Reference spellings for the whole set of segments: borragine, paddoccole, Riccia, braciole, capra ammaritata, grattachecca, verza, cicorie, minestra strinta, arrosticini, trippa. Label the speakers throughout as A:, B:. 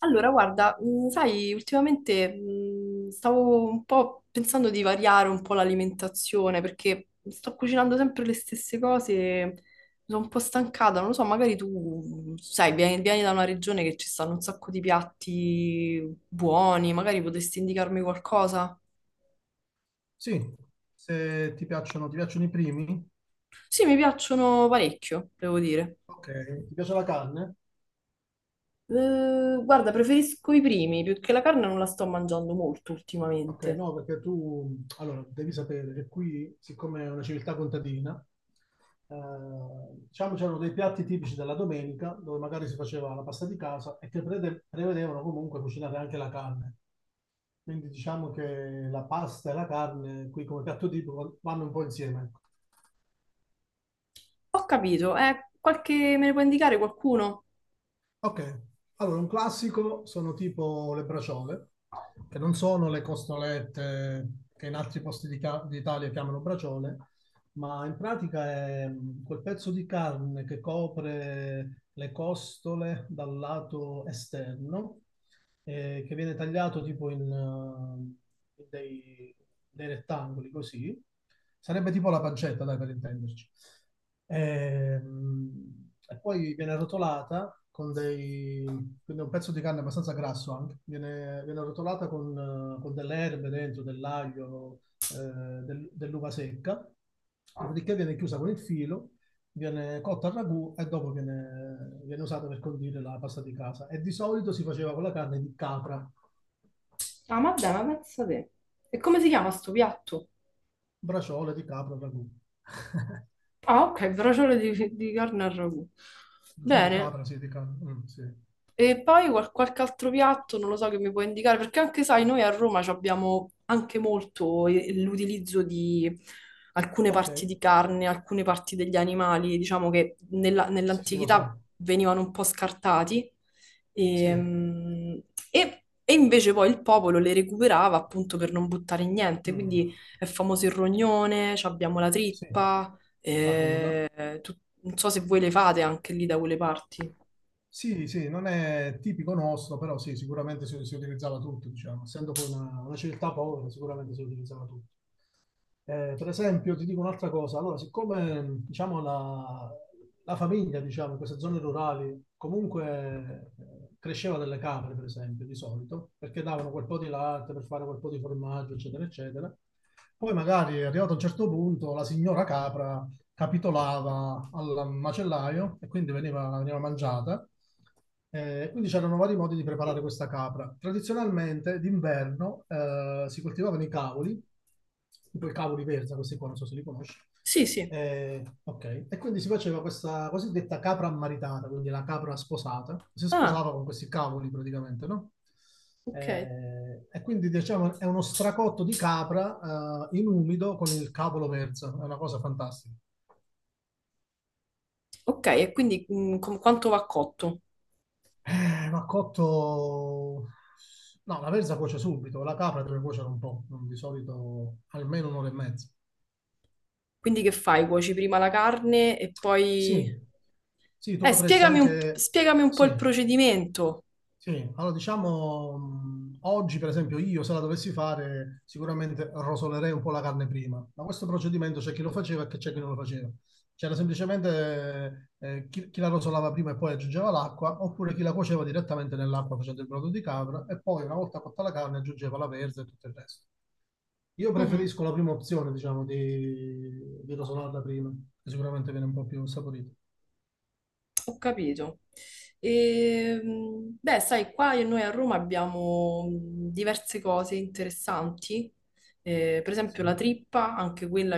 A: Allora, guarda, sai, ultimamente stavo un po' pensando di variare un po' l'alimentazione perché sto cucinando sempre le stesse cose, mi sono un po' stancata, non lo so, magari tu, sai, vieni da una regione che ci stanno un sacco di piatti buoni, magari potresti indicarmi qualcosa?
B: Sì, se ti piacciono i primi?
A: Sì, mi piacciono parecchio, devo dire.
B: Ok, ti piace la carne?
A: Guarda, preferisco i primi, più che la carne non la sto mangiando molto
B: Ok,
A: ultimamente.
B: no, perché tu, allora, devi sapere che qui, siccome è una civiltà contadina, eh, diciamo c'erano dei piatti tipici della domenica, dove magari si faceva la pasta di casa e che prevedevano comunque cucinare anche la carne. Quindi diciamo che la pasta e la carne qui come piatto tipico vanno un po' insieme, ecco.
A: Ho capito, qualche... me ne può indicare qualcuno?
B: Ok, allora un classico sono tipo le braciole, che non sono le costolette che in altri posti d'Italia chiamano braciole, ma in pratica è quel pezzo di carne che copre le costole dal lato esterno, che viene tagliato tipo in dei rettangoli così. Sarebbe tipo la pancetta, dai, per intenderci. E poi viene rotolata. Quindi è un pezzo di carne abbastanza grasso anche. Viene rotolata con delle erbe dentro, dell'aglio, eh, dell'uva secca. Dopodiché viene chiusa con il filo, viene cotta al ragù e dopo viene usata per condire la pasta di casa. E di solito si faceva con la carne di capra.
A: Ah, ma dai, ma pensa te. E come si chiama sto piatto?
B: Braciole di capra al ragù.
A: Ah, ok, braciole di carne al ragù.
B: Braciole di
A: Bene.
B: capra, sì, di capra. Mm, sì.
A: E poi qualche altro piatto, non lo so, che mi puoi indicare, perché anche sai, noi a Roma ci abbiamo anche molto l'utilizzo di alcune
B: Ok,
A: parti di carne, alcune parti degli animali, diciamo che
B: sì, sì, lo
A: nell'antichità
B: so.
A: venivano un po' scartati,
B: Sì,
A: ehm, e invece poi il popolo le recuperava appunto per non buttare niente,
B: Mm.
A: quindi è famoso il rognone, ci abbiamo la
B: Sì,
A: trippa,
B: la coda.
A: non so se voi le fate anche lì da quelle parti.
B: Sì, sì, non è tipico nostro, però sì, sicuramente si, si utilizzava tutto, diciamo. Essendo poi una civiltà povera, sicuramente si utilizzava tutto. Per esempio, ti dico un'altra cosa, allora, siccome diciamo, la famiglia diciamo, in queste zone rurali comunque cresceva delle capre, per esempio, di solito, perché davano quel po' di latte per fare quel po' di formaggio, eccetera, eccetera, poi magari arrivato a un certo punto la signora capra capitolava al macellaio e quindi veniva mangiata. Quindi c'erano vari modi di preparare questa capra. Tradizionalmente d'inverno si coltivavano i cavoli, tipo i cavoli verza, questi qua non so se li conosci.
A: Sì, sì.
B: Ok, e quindi si faceva questa cosiddetta capra ammaritata, quindi la capra sposata, si
A: Ah.
B: sposava con questi cavoli praticamente, no?
A: Ok,
B: E quindi diciamo è uno stracotto di capra in umido con il cavolo verza, è una cosa fantastica.
A: ok, e quindi quanto va cotto?
B: Ma cotto. No, la verza cuoce subito, la capra deve cuocere un po', di solito almeno un'ora e mezza.
A: Quindi che fai? Cuoci prima la carne e
B: Sì,
A: poi...
B: sì, tu potresti anche.
A: Spiegami un po'
B: Sì,
A: il procedimento.
B: sì, allora diciamo oggi per esempio io se la dovessi fare sicuramente rosolerei un po' la carne prima, ma questo procedimento c'è chi lo faceva e che c'è chi non lo faceva. C'era semplicemente chi la rosolava prima e poi aggiungeva l'acqua, oppure chi la cuoceva direttamente nell'acqua facendo il brodo di capra e poi una volta cotta la carne aggiungeva la verza e tutto il resto. Io
A: Mhm.
B: preferisco la prima opzione, diciamo, di rosolarla prima, che sicuramente viene un po' più saporita.
A: Ho capito. E, beh, sai, qua noi a Roma abbiamo diverse cose interessanti. Per esempio la
B: Sì.
A: trippa, anche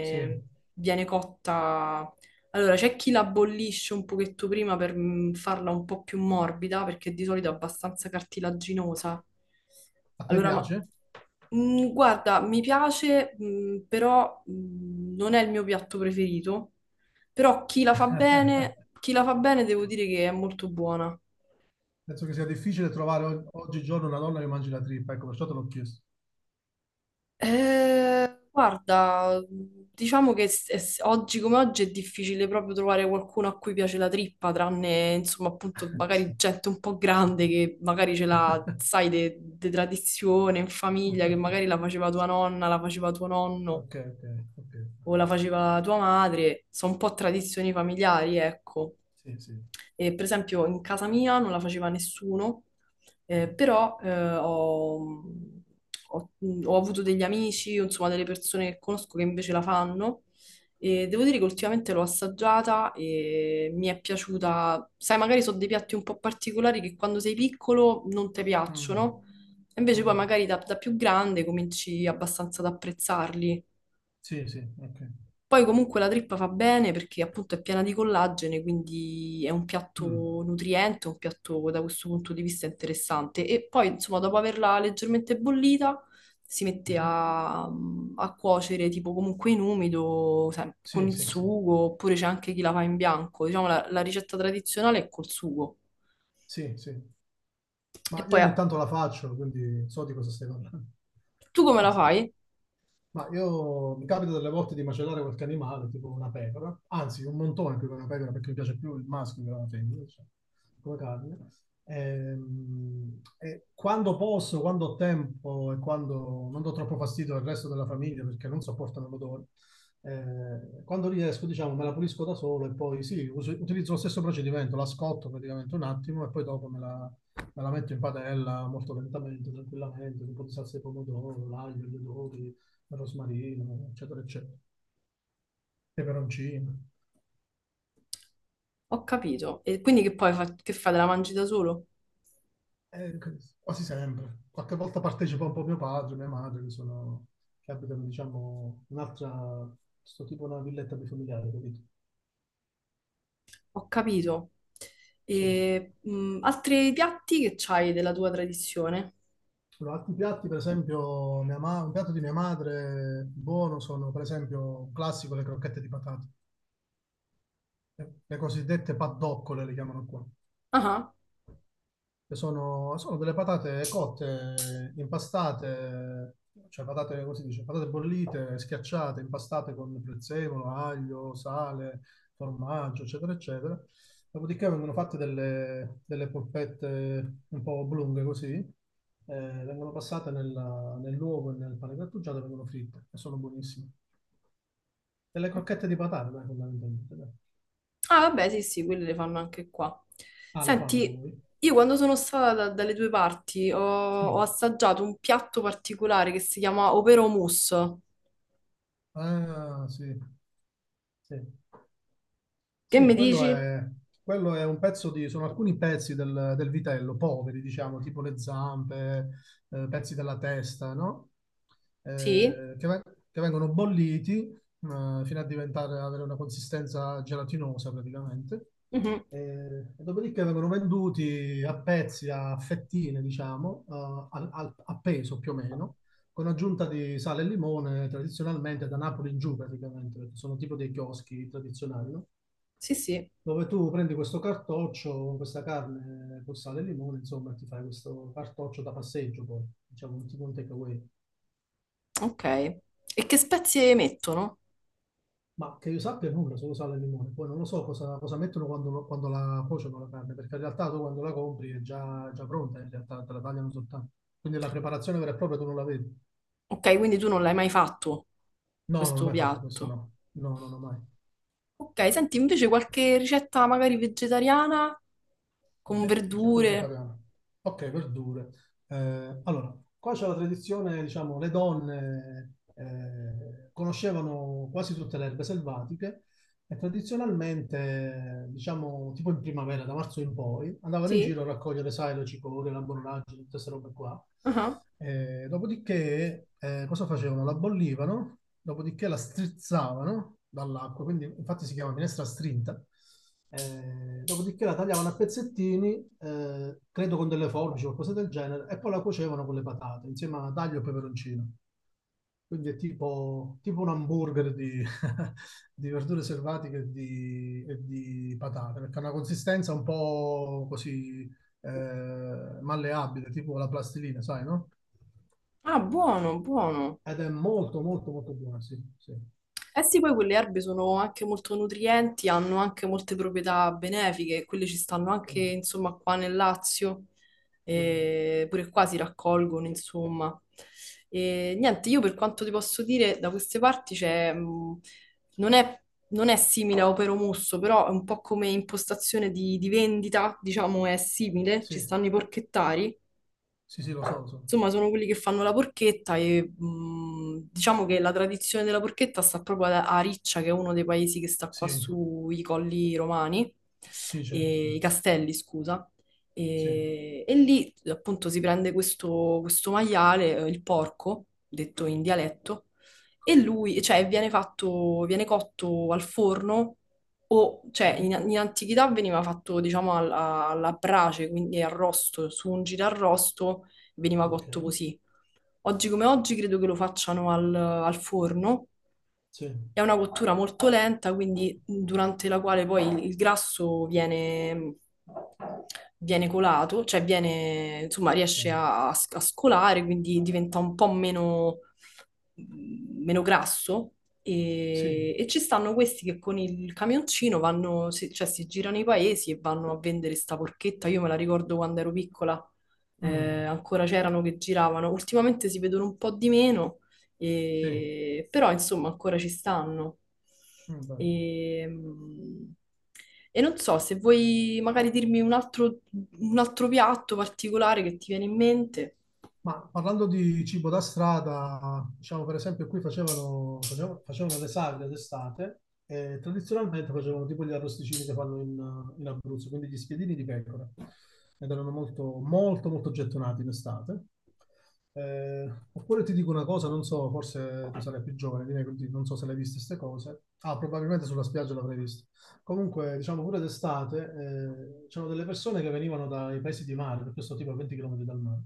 B: Sì,
A: viene cotta. Allora, c'è chi la bollisce un pochetto prima per farla un po' più morbida, perché di solito è abbastanza cartilaginosa.
B: a te
A: Allora, ma
B: piace?
A: guarda, mi piace, però non è il mio piatto preferito. Però chi la fa bene devo dire che è molto buona.
B: Penso che sia difficile trovare oggigiorno una donna che mangi la trippa, ecco, perciò te l'ho chiesto.
A: Guarda, diciamo che oggi come oggi è difficile proprio trovare qualcuno a cui piace la trippa, tranne insomma appunto magari
B: Sì.
A: gente un po' grande che magari ce l'ha, sai, di tradizione in famiglia, che magari la faceva tua nonna, la faceva tuo nonno
B: Ok, ok, ok.
A: o la faceva tua madre, sono un po' tradizioni familiari, ecco.
B: Sì, sì.
A: Per esempio, in casa mia non la faceva nessuno,
B: Mhm.
A: però ho- ho avuto degli amici, insomma, delle persone che conosco che invece la fanno. E devo dire che ultimamente l'ho assaggiata e mi è piaciuta. Sai, magari sono dei piatti un po' particolari che quando sei piccolo non ti
B: Mm,
A: piacciono, invece poi
B: mm.
A: magari da più grande cominci abbastanza ad apprezzarli.
B: Sì, sì, ok.
A: Poi comunque la trippa fa bene perché appunto è piena di collagene, quindi è un piatto
B: Mm,
A: nutriente, un piatto da questo punto di vista interessante. E poi insomma dopo averla leggermente bollita si mette
B: mhm.
A: a cuocere tipo comunque in umido, sai, con
B: Sì,
A: il
B: sì, sì.
A: sugo, oppure c'è anche chi la fa in bianco. Diciamo la ricetta tradizionale è col sugo.
B: Sì, sì.
A: E
B: Ma io
A: poi
B: ogni
A: ah,
B: tanto la faccio, quindi so di cosa stai parlando.
A: tu come la
B: Sì.
A: fai?
B: Ma io mi capita delle volte di macellare qualche animale, tipo una pecora, anzi un montone più che una pecora perché mi piace più il maschio che la femmina, diciamo, come carne. E quando posso, quando ho tempo e quando non do troppo fastidio al resto della famiglia perché non sopportano l'odore, quando riesco, diciamo, me la pulisco da solo e poi sì, utilizzo lo stesso procedimento, la scotto praticamente un attimo e poi dopo me la metto in padella molto lentamente, tranquillamente, con un po' di salsa di pomodoro, l'aglio, gli odori, rosmarino, eccetera, eccetera, peperoncino.
A: Ho capito. E quindi che fai? Te la mangi da solo?
B: Eh, Quasi sempre. Qualche volta partecipa un po' mio padre, mia madre, che sono, che abitano, diciamo, un'altra, sto tipo una villetta bifamiliare, capito?
A: Ho capito.
B: Sì.
A: E, altri piatti che c'hai della tua tradizione?
B: Allora, altri piatti, per esempio, un piatto di mia madre buono sono, per esempio, un classico, le crocchette di patate, le cosiddette paddoccole le chiamano qua.
A: Ah, ah.
B: Che sono delle patate cotte, impastate, cioè patate, come si dice, patate bollite, schiacciate, impastate con prezzemolo, aglio, sale, formaggio, eccetera, eccetera. Dopodiché vengono fatte delle polpette un po' oblunghe così, vengono passate nell'uovo e nel pane grattugiato e vengono fritte e sono buonissime. E le crocchette di patate, dai, fondamentalmente. Dai.
A: Ah, vabbè, sì, sì, quelli le fanno anche qua.
B: Ah, le fanno da
A: Senti,
B: voi?
A: io quando sono stata dalle tue parti ho, ho
B: Sì.
A: assaggiato un piatto particolare che si chiama Overo Mousse.
B: Ah, sì. Sì.
A: Che
B: Sì,
A: mi
B: quello
A: dici?
B: è, quello è un pezzo di, sono alcuni pezzi del vitello, poveri, diciamo, tipo le zampe, pezzi della testa, no?
A: Sì?
B: Eh, che, ve- che vengono bolliti, fino a diventare, avere una consistenza gelatinosa praticamente.
A: Mhm.
B: E dopodiché vengono venduti a pezzi, a fettine, diciamo, a peso più o meno, con aggiunta di sale e limone, tradizionalmente da Napoli in giù praticamente, perché sono tipo dei chioschi tradizionali, no?
A: Sì, sì.
B: Dove tu prendi questo cartoccio, questa carne con sale e limone, insomma, ti fai questo cartoccio da passeggio, poi, diciamo, un tipo un takeaway.
A: Ok. E che spezie mettono?
B: Ma che io sappia nulla, solo sale e limone. Poi non lo so cosa mettono quando la cuociono la carne, perché in realtà tu quando la compri è già pronta, in realtà te la tagliano soltanto. Quindi la preparazione vera e propria tu non la vedi.
A: Ok, quindi tu non l'hai mai fatto
B: No, non ho
A: questo
B: mai fatto questo,
A: piatto.
B: no. No, non ho mai.
A: Ok, senti invece qualche ricetta magari vegetariana con
B: Ricetta
A: verdure.
B: vegetariana. Ok, verdure. Allora, qua c'è la tradizione, diciamo, le donne conoscevano quasi tutte le erbe selvatiche e tradizionalmente, diciamo, tipo in primavera, da marzo in poi, andavano in
A: Sì?
B: giro a raccogliere, sai, le cicorie, la borragine, tutte queste robe qua.
A: Ah.
B: E dopodiché, cosa facevano? La bollivano, dopodiché la strizzavano dall'acqua, quindi infatti si chiama minestra strinta. Dopodiché la tagliavano a pezzettini, credo con delle forbici o cose del genere, e poi la cuocevano con le patate, insieme a aglio e peperoncino. Quindi è tipo, un hamburger di, di verdure selvatiche e di patate, perché ha una consistenza un po' così malleabile, tipo la plastilina, sai, no?
A: Ah, buono, buono.
B: Ed è molto, molto, molto buona, sì, sì,
A: Eh sì, poi quelle erbe sono anche molto nutrienti, hanno anche molte proprietà benefiche, quelle ci stanno
B: sì,
A: anche, insomma, qua nel Lazio,
B: sì,
A: e pure qua si raccolgono, insomma. E niente, io per quanto ti posso dire, da queste parti c'è, non è, non è simile a Opero Musso, però è un po' come impostazione di vendita, diciamo, è simile, ci
B: sì,
A: stanno i porchettari.
B: sì, sì, lo so, lo so.
A: Insomma, sono quelli che fanno la porchetta e diciamo che la tradizione della porchetta sta proprio a Riccia, che è uno dei paesi che sta qua
B: Sì,
A: sui colli romani,
B: sì, certo, sì,
A: i castelli, scusa.
B: sì,
A: E lì appunto si prende questo, questo maiale, il porco, detto in dialetto, e lui, cioè, viene fatto, viene cotto al forno o,
B: sì,
A: cioè, in antichità veniva fatto, diciamo, alla brace, quindi arrosto, su un girarrosto veniva
B: ok,
A: cotto così. Oggi come oggi credo che lo facciano al forno.
B: sì,
A: È una cottura molto lenta, quindi durante la quale poi il grasso viene colato, cioè viene, insomma,
B: sì,
A: riesce a scolare, quindi diventa un po' meno meno grasso
B: sì,
A: e ci stanno questi che con il camioncino vanno, cioè si girano i paesi e vanno a vendere sta porchetta. Io me la ricordo quando ero piccola,
B: mm,
A: ancora c'erano che giravano. Ultimamente si vedono un po' di meno,
B: sì,
A: però insomma ancora ci stanno.
B: mm, bello.
A: E, non so se vuoi magari dirmi un altro piatto particolare che ti viene in mente.
B: Ma parlando di cibo da strada, diciamo per esempio qui facevano le sagre d'estate e tradizionalmente facevano tipo gli arrosticini che fanno in Abruzzo, quindi gli spiedini di pecora, ed erano molto, molto, molto gettonati in estate. Oppure ti dico una cosa, non so, forse tu sarai più giovane di me, quindi non so se l'hai viste queste cose. Ah, probabilmente sulla spiaggia l'avrai vista. Comunque, diciamo pure d'estate, c'erano delle persone che venivano dai paesi di mare, perché io sto tipo a 20 km dal mare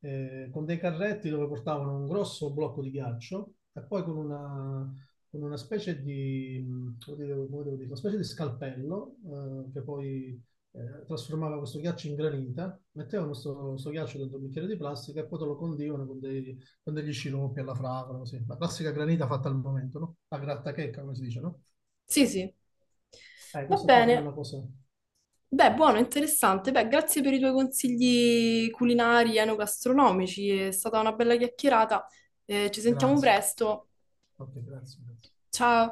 B: con dei carretti dove portavano un grosso blocco di ghiaccio e poi con una, specie di, come devo dire, una specie di scalpello che poi trasformava questo ghiaccio in granita, mettevano questo ghiaccio dentro un bicchiere di plastica e poi te lo condivano con degli sciroppi alla fragola, così. La classica granita fatta al momento, no? La grattachecca, come si dice, no?
A: Sì, sì. Va
B: Questo qua pure è una
A: bene.
B: cosa.
A: Beh, buono, interessante. Beh, grazie per i tuoi consigli culinari e enogastronomici. È stata una bella chiacchierata. Ci sentiamo
B: Grazie.
A: presto.
B: Ok, grazie, grazie.
A: Ciao.